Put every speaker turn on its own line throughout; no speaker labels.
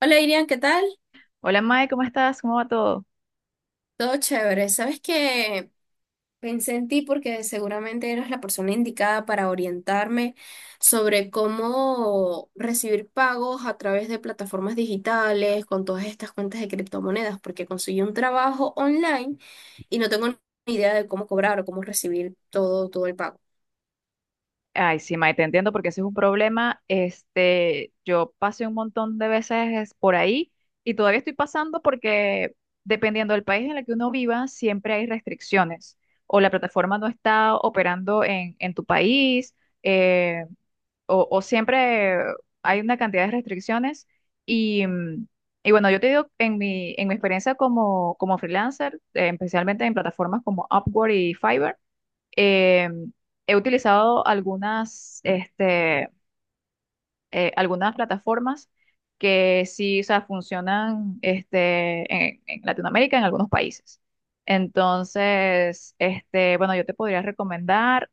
Hola Irian, ¿qué tal?
Hola Mae, ¿cómo estás? ¿Cómo va todo?
Todo chévere. Sabes que pensé en ti porque seguramente eras la persona indicada para orientarme sobre cómo recibir pagos a través de plataformas digitales con todas estas cuentas de criptomonedas, porque conseguí un trabajo online y no tengo ni idea de cómo cobrar o cómo recibir todo el pago.
Ay, sí, Mae, te entiendo porque ese es un problema. Yo pasé un montón de veces por ahí y todavía estoy pasando porque, dependiendo del país en el que uno viva, siempre hay restricciones. O la plataforma no está operando en tu país, eh, o siempre hay una cantidad de restricciones. Y, mm, y bueno, yo te digo, en mi experiencia como, como freelancer, especialmente en plataformas como Upwork y Fiverr. Eh, he utilizado algunas, algunas plataformas que sí, o sea, funcionan, en Latinoamérica, en algunos países. Entonces, este, bueno, yo te podría recomendar,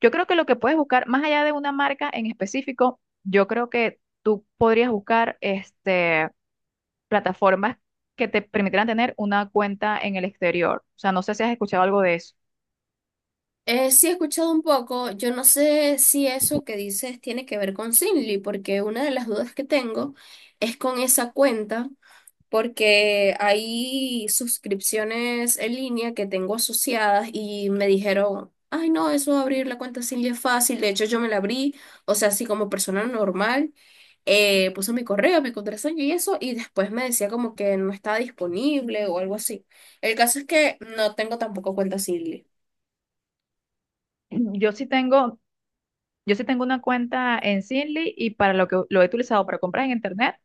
yo creo que lo que puedes buscar, más allá de una marca en específico, yo creo que tú podrías buscar, plataformas que te permitirán tener una cuenta en el exterior. O sea, no sé si has escuchado algo de eso.
Sí he escuchado un poco, yo no sé si eso que dices tiene que ver con Simly, porque una de las dudas que tengo es con esa cuenta. Porque hay suscripciones en línea que tengo asociadas y me dijeron, ay no, eso de abrir la cuenta Silvia es fácil, de hecho yo me la abrí, o sea, así como persona normal, puse mi correo, mi contraseña y eso, y después me decía como que no estaba disponible o algo así. El caso es que no tengo tampoco cuenta Silvia.
Yo sí tengo, yo sí tengo una cuenta en Zinli y para lo que lo he utilizado, para compras en internet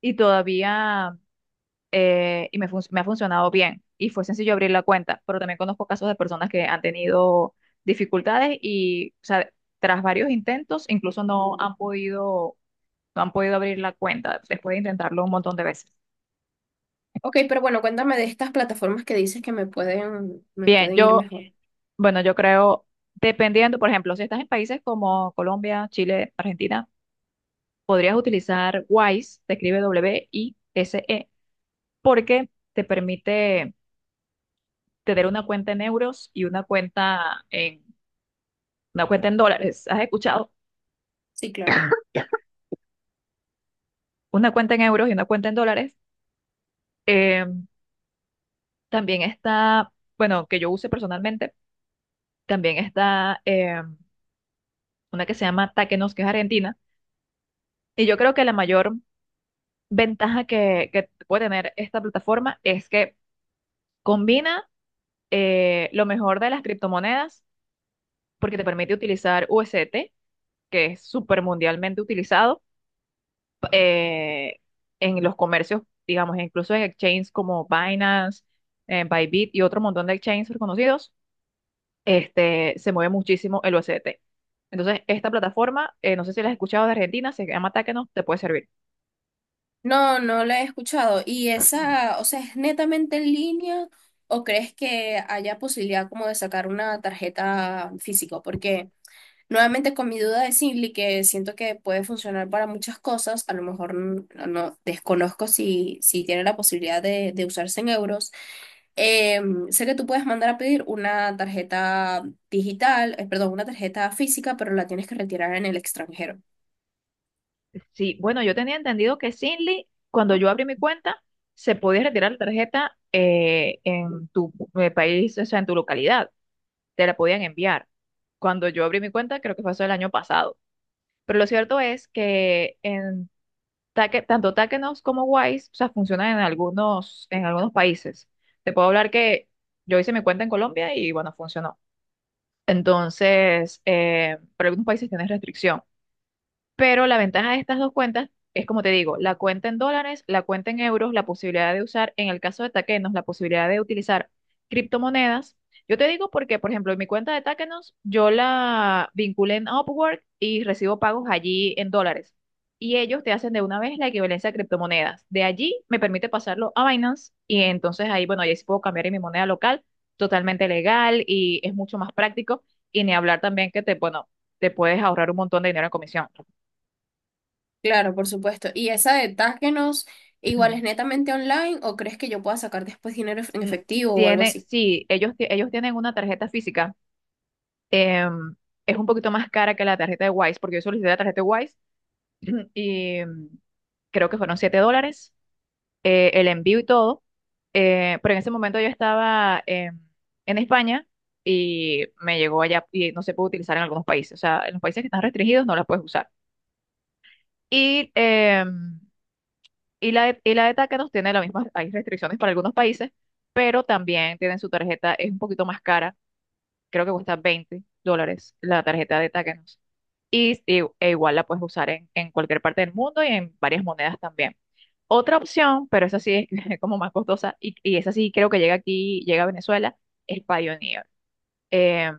y todavía y me ha funcionado bien y fue sencillo abrir la cuenta, pero también conozco casos de personas que han tenido dificultades y, o sea, tras varios intentos, incluso no han podido no han podido abrir la cuenta después de intentarlo un montón de veces.
Ok, pero bueno, cuéntame de estas plataformas que dices que me
Bien,
pueden ir
yo,
mejor.
bueno, yo creo, dependiendo, por ejemplo, si estás en países como Colombia, Chile, Argentina, podrías utilizar Wise, se escribe Wise, porque te permite tener una cuenta en euros y una cuenta en dólares. ¿Has escuchado?
Sí, claro.
Una cuenta en euros y una cuenta en dólares. Eh, también está, bueno, que yo use personalmente, también está una que se llama Takenos, que es argentina. Y yo creo que la mayor ventaja que puede tener esta plataforma es que combina, lo mejor de las criptomonedas, porque te permite utilizar USDT, que es súper mundialmente utilizado, eh, en los comercios, digamos, incluso en exchanges como Binance, Bybit y otro montón de exchanges reconocidos. Se mueve muchísimo el USDT. Entonces, esta plataforma, no sé si la has escuchado, de Argentina, se llama Takeno, te puede servir.
No, no la he escuchado. ¿Y esa, o sea, es netamente en línea o crees que haya posibilidad como de sacar una tarjeta física? Porque nuevamente con mi duda de Simply, que siento que puede funcionar para muchas cosas, a lo mejor no, desconozco si tiene la posibilidad de usarse en euros. Eh, sé que tú puedes mandar a pedir una tarjeta digital, perdón, una tarjeta física, pero la tienes que retirar en el extranjero.
Sí, bueno, yo tenía entendido que Sinly, cuando yo abrí mi cuenta, se podía retirar la tarjeta, en tu país, o sea, en tu localidad. Te la podían enviar. Cuando yo abrí mi cuenta, creo que fue eso el año pasado. Pero lo cierto es que en tanto Takenos como Wise, o sea, funcionan en algunos países. Te puedo hablar que yo hice mi cuenta en Colombia y bueno, funcionó. Entonces, para algunos países tienen restricción. Pero la ventaja de estas dos cuentas es, como te digo, la cuenta en dólares, la cuenta en euros, la posibilidad de usar, en el caso de Takenos, la posibilidad de utilizar criptomonedas. Yo te digo porque, por ejemplo, en mi cuenta de Takenos, yo la vinculé en Upwork y recibo pagos allí en dólares. Y ellos te hacen de una vez la equivalencia a criptomonedas. De allí me permite pasarlo a Binance y entonces ahí, bueno, ahí sí puedo cambiar en mi moneda local, totalmente legal, y es mucho más práctico. Y ni hablar también que te, bueno, te puedes ahorrar un montón de dinero en comisión.
Claro, por supuesto. ¿Y esa de Taskenos igual es
Mm,
netamente online o crees que yo pueda sacar después dinero en efectivo o algo
Tiene,
así?
sí, ellos, ellos tienen una tarjeta física. em, es un poquito más cara que la tarjeta de Wise, porque yo solicité la tarjeta de Wise y mm, creo que fueron $7, el envío y todo. Pero en ese momento yo estaba en España y me llegó allá, y no se puede utilizar en algunos países. O sea, en los países que están restringidos no la puedes usar. Y, em, y y la de Tácanos tiene las mismas, hay restricciones para algunos países, pero también tienen su tarjeta, es un poquito más cara, creo que cuesta $20 la tarjeta de Takenos. Y, e igual la puedes usar en cualquier parte del mundo y en varias monedas también. Otra opción, pero esa sí es como más costosa y esa sí, creo que llega aquí, llega a Venezuela, es Payoneer. Eh,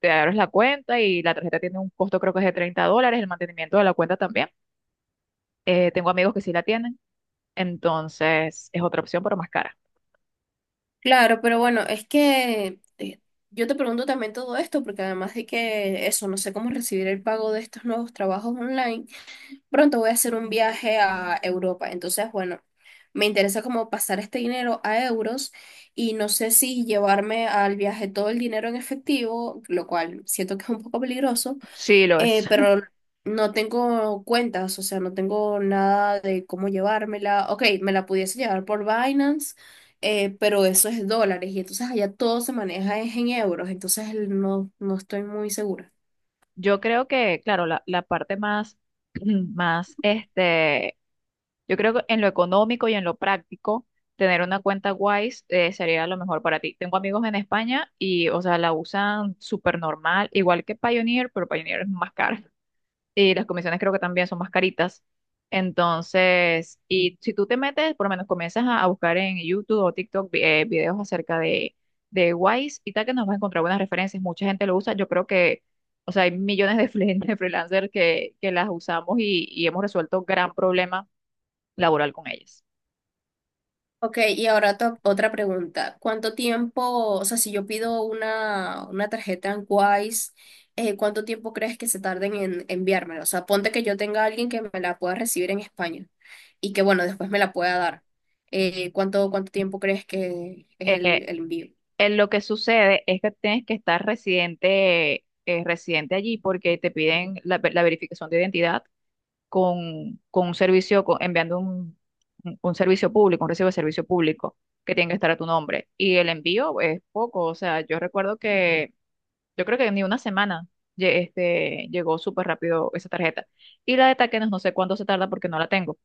te abres la cuenta y la tarjeta tiene un costo, creo que es de $30, el mantenimiento de la cuenta también. Tengo amigos que sí la tienen, entonces es otra opción, pero más cara.
Claro, pero bueno, es que yo te pregunto también todo esto porque además de que eso, no sé cómo recibir el pago de estos nuevos trabajos online, pronto voy a hacer un viaje a Europa. Entonces, bueno, me interesa como pasar este dinero a euros y no sé si llevarme al viaje todo el dinero en efectivo, lo cual siento que es un poco peligroso.
Sí, lo
Eh,
es.
pero no tengo cuentas, o sea, no tengo nada de cómo llevármela. Ok, me la pudiese llevar por Binance, pero eso es dólares y entonces allá todo se maneja es en euros, entonces no, no estoy muy segura.
Yo creo que, claro, la parte más, más yo creo que en lo económico y en lo práctico, tener una cuenta Wise, sería lo mejor para ti. Tengo amigos en España y, o sea, la usan súper normal, igual que Pioneer, pero Pioneer es más cara. Y las comisiones creo que también son más caritas. Entonces, y si tú te metes, por lo menos comienzas a buscar en YouTube o TikTok videos acerca de Wise y tal, que nos vas a encontrar buenas referencias. Mucha gente lo usa. Yo creo que, o sea, hay millones de, de freelancers que las usamos y hemos resuelto gran problema laboral con ellas.
Ok, y ahora otra pregunta. ¿Cuánto tiempo, o sea, si yo pido una tarjeta en Wise, cuánto tiempo crees que se tarden en enviármela? O sea, ponte que yo tenga a alguien que me la pueda recibir en España y que, bueno, después me la pueda dar. ¿Cuánto tiempo crees que es
Eh,
el envío?
en lo que sucede es que tienes que estar residente, residente allí porque te piden la verificación de identidad con un enviando un servicio público, un recibo de servicio público que tiene que estar a tu nombre. Y el envío es poco, o sea, yo creo que ni una semana. Llegó súper rápido esa tarjeta. Y la de Takenos no sé cuánto se tarda porque no la tengo.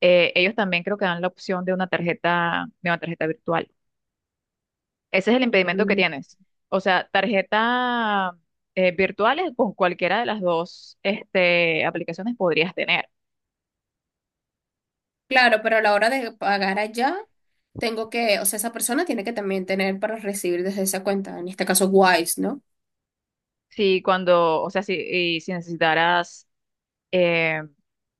Ellos también creo que dan la opción de de una tarjeta virtual. Ese es el impedimento que
Mm.
tienes. O sea, tarjeta, virtuales con cualquiera de las dos, aplicaciones podrías tener.
Claro, pero a la hora de pagar allá, tengo que, o sea, esa persona tiene que también tener para recibir desde esa cuenta, en este caso Wise, ¿no?
Si cuando, o sea, si, y si necesitaras, eh,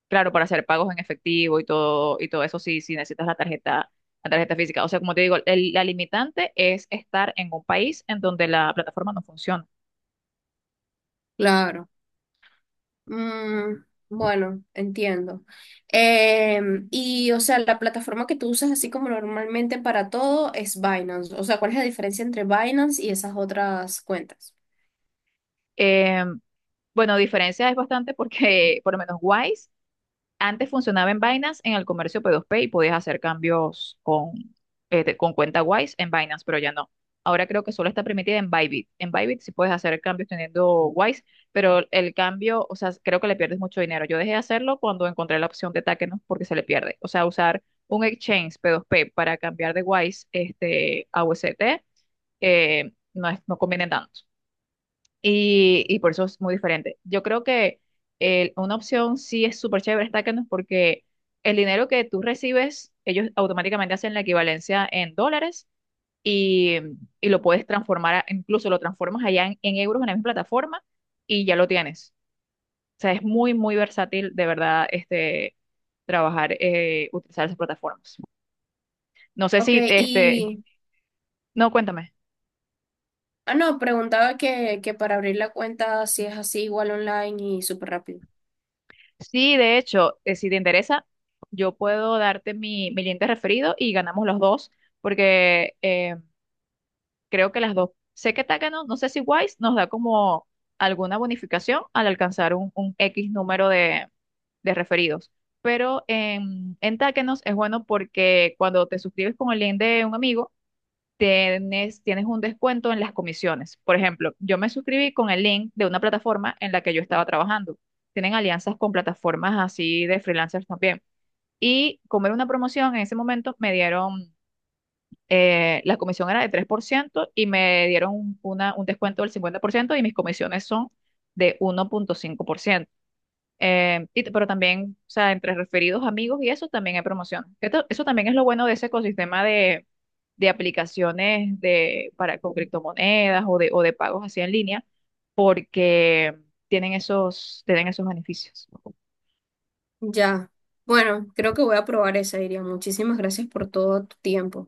claro, para hacer pagos en efectivo y todo eso, sí, si necesitas la tarjeta física. O sea, como te digo, la limitante es estar en un país en donde la plataforma no funciona.
Claro. Mm, bueno, entiendo. Y, o sea, la plataforma que tú usas así como normalmente para todo es Binance. O sea, ¿cuál es la diferencia entre Binance y esas otras cuentas?
Em, bueno, diferencia es bastante porque por lo menos Wise antes funcionaba en Binance en el comercio p dos p y podías hacer cambios con, con cuenta Wise en Binance, pero ya no. Ahora creo que solo está permitida en Bybit. En Bybit sí puedes hacer cambios teniendo Wise, pero el cambio, o sea, creo que le pierdes mucho dinero. Yo dejé de hacerlo cuando encontré la opción de Takenos porque se le pierde. O sea, usar un exchange p dos p para cambiar de Wise, a UST, no, es, no conviene tanto. Y por eso es muy diferente. Yo creo que una opción sí es súper chévere, Stackendos, porque el dinero que tú recibes, ellos automáticamente hacen la equivalencia en dólares, y, y lo puedes transformar, incluso lo transformas allá en euros en la misma plataforma y ya lo tienes. O sea, es muy, muy versátil de verdad, trabajar, utilizar esas plataformas. No sé
Ok,
si, este,
y...
no, cuéntame.
Ah, no, preguntaba que para abrir la cuenta si es así igual online y súper rápido.
Sí, de hecho, si te interesa, yo puedo darte mi link de referido y ganamos los dos, porque creo que las dos, sé que Takano, no sé si Wise nos da como alguna bonificación al alcanzar un X número de referidos, pero en Takanos es bueno porque cuando te suscribes con el link de un amigo, tienes un descuento en las comisiones. Por ejemplo, yo me suscribí con el link de una plataforma en la que yo estaba trabajando. Tienen alianzas con plataformas así de freelancers también. Y como era una promoción, en ese momento me dieron, la comisión era de 3% y me dieron un descuento del 50% y mis comisiones son de 1.5%. Pero también, o sea, entre referidos, amigos y eso también hay promoción. Eso también es lo bueno de ese ecosistema de aplicaciones para, con criptomonedas o de pagos así en línea, porque tienen esos beneficios.
Ya. Bueno, creo que voy a probar esa, Iria. Muchísimas gracias por todo tu tiempo.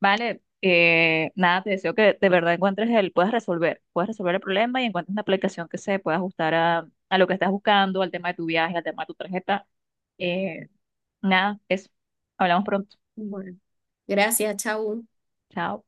Vale, nada, te deseo que de verdad encuentres el, puedas resolver el problema y encuentres una aplicación que se pueda ajustar a lo que estás buscando, al tema de tu viaje, al tema de tu tarjeta. Eh, nada, eso. Hablamos pronto.
Bueno, gracias, chao.
Chao.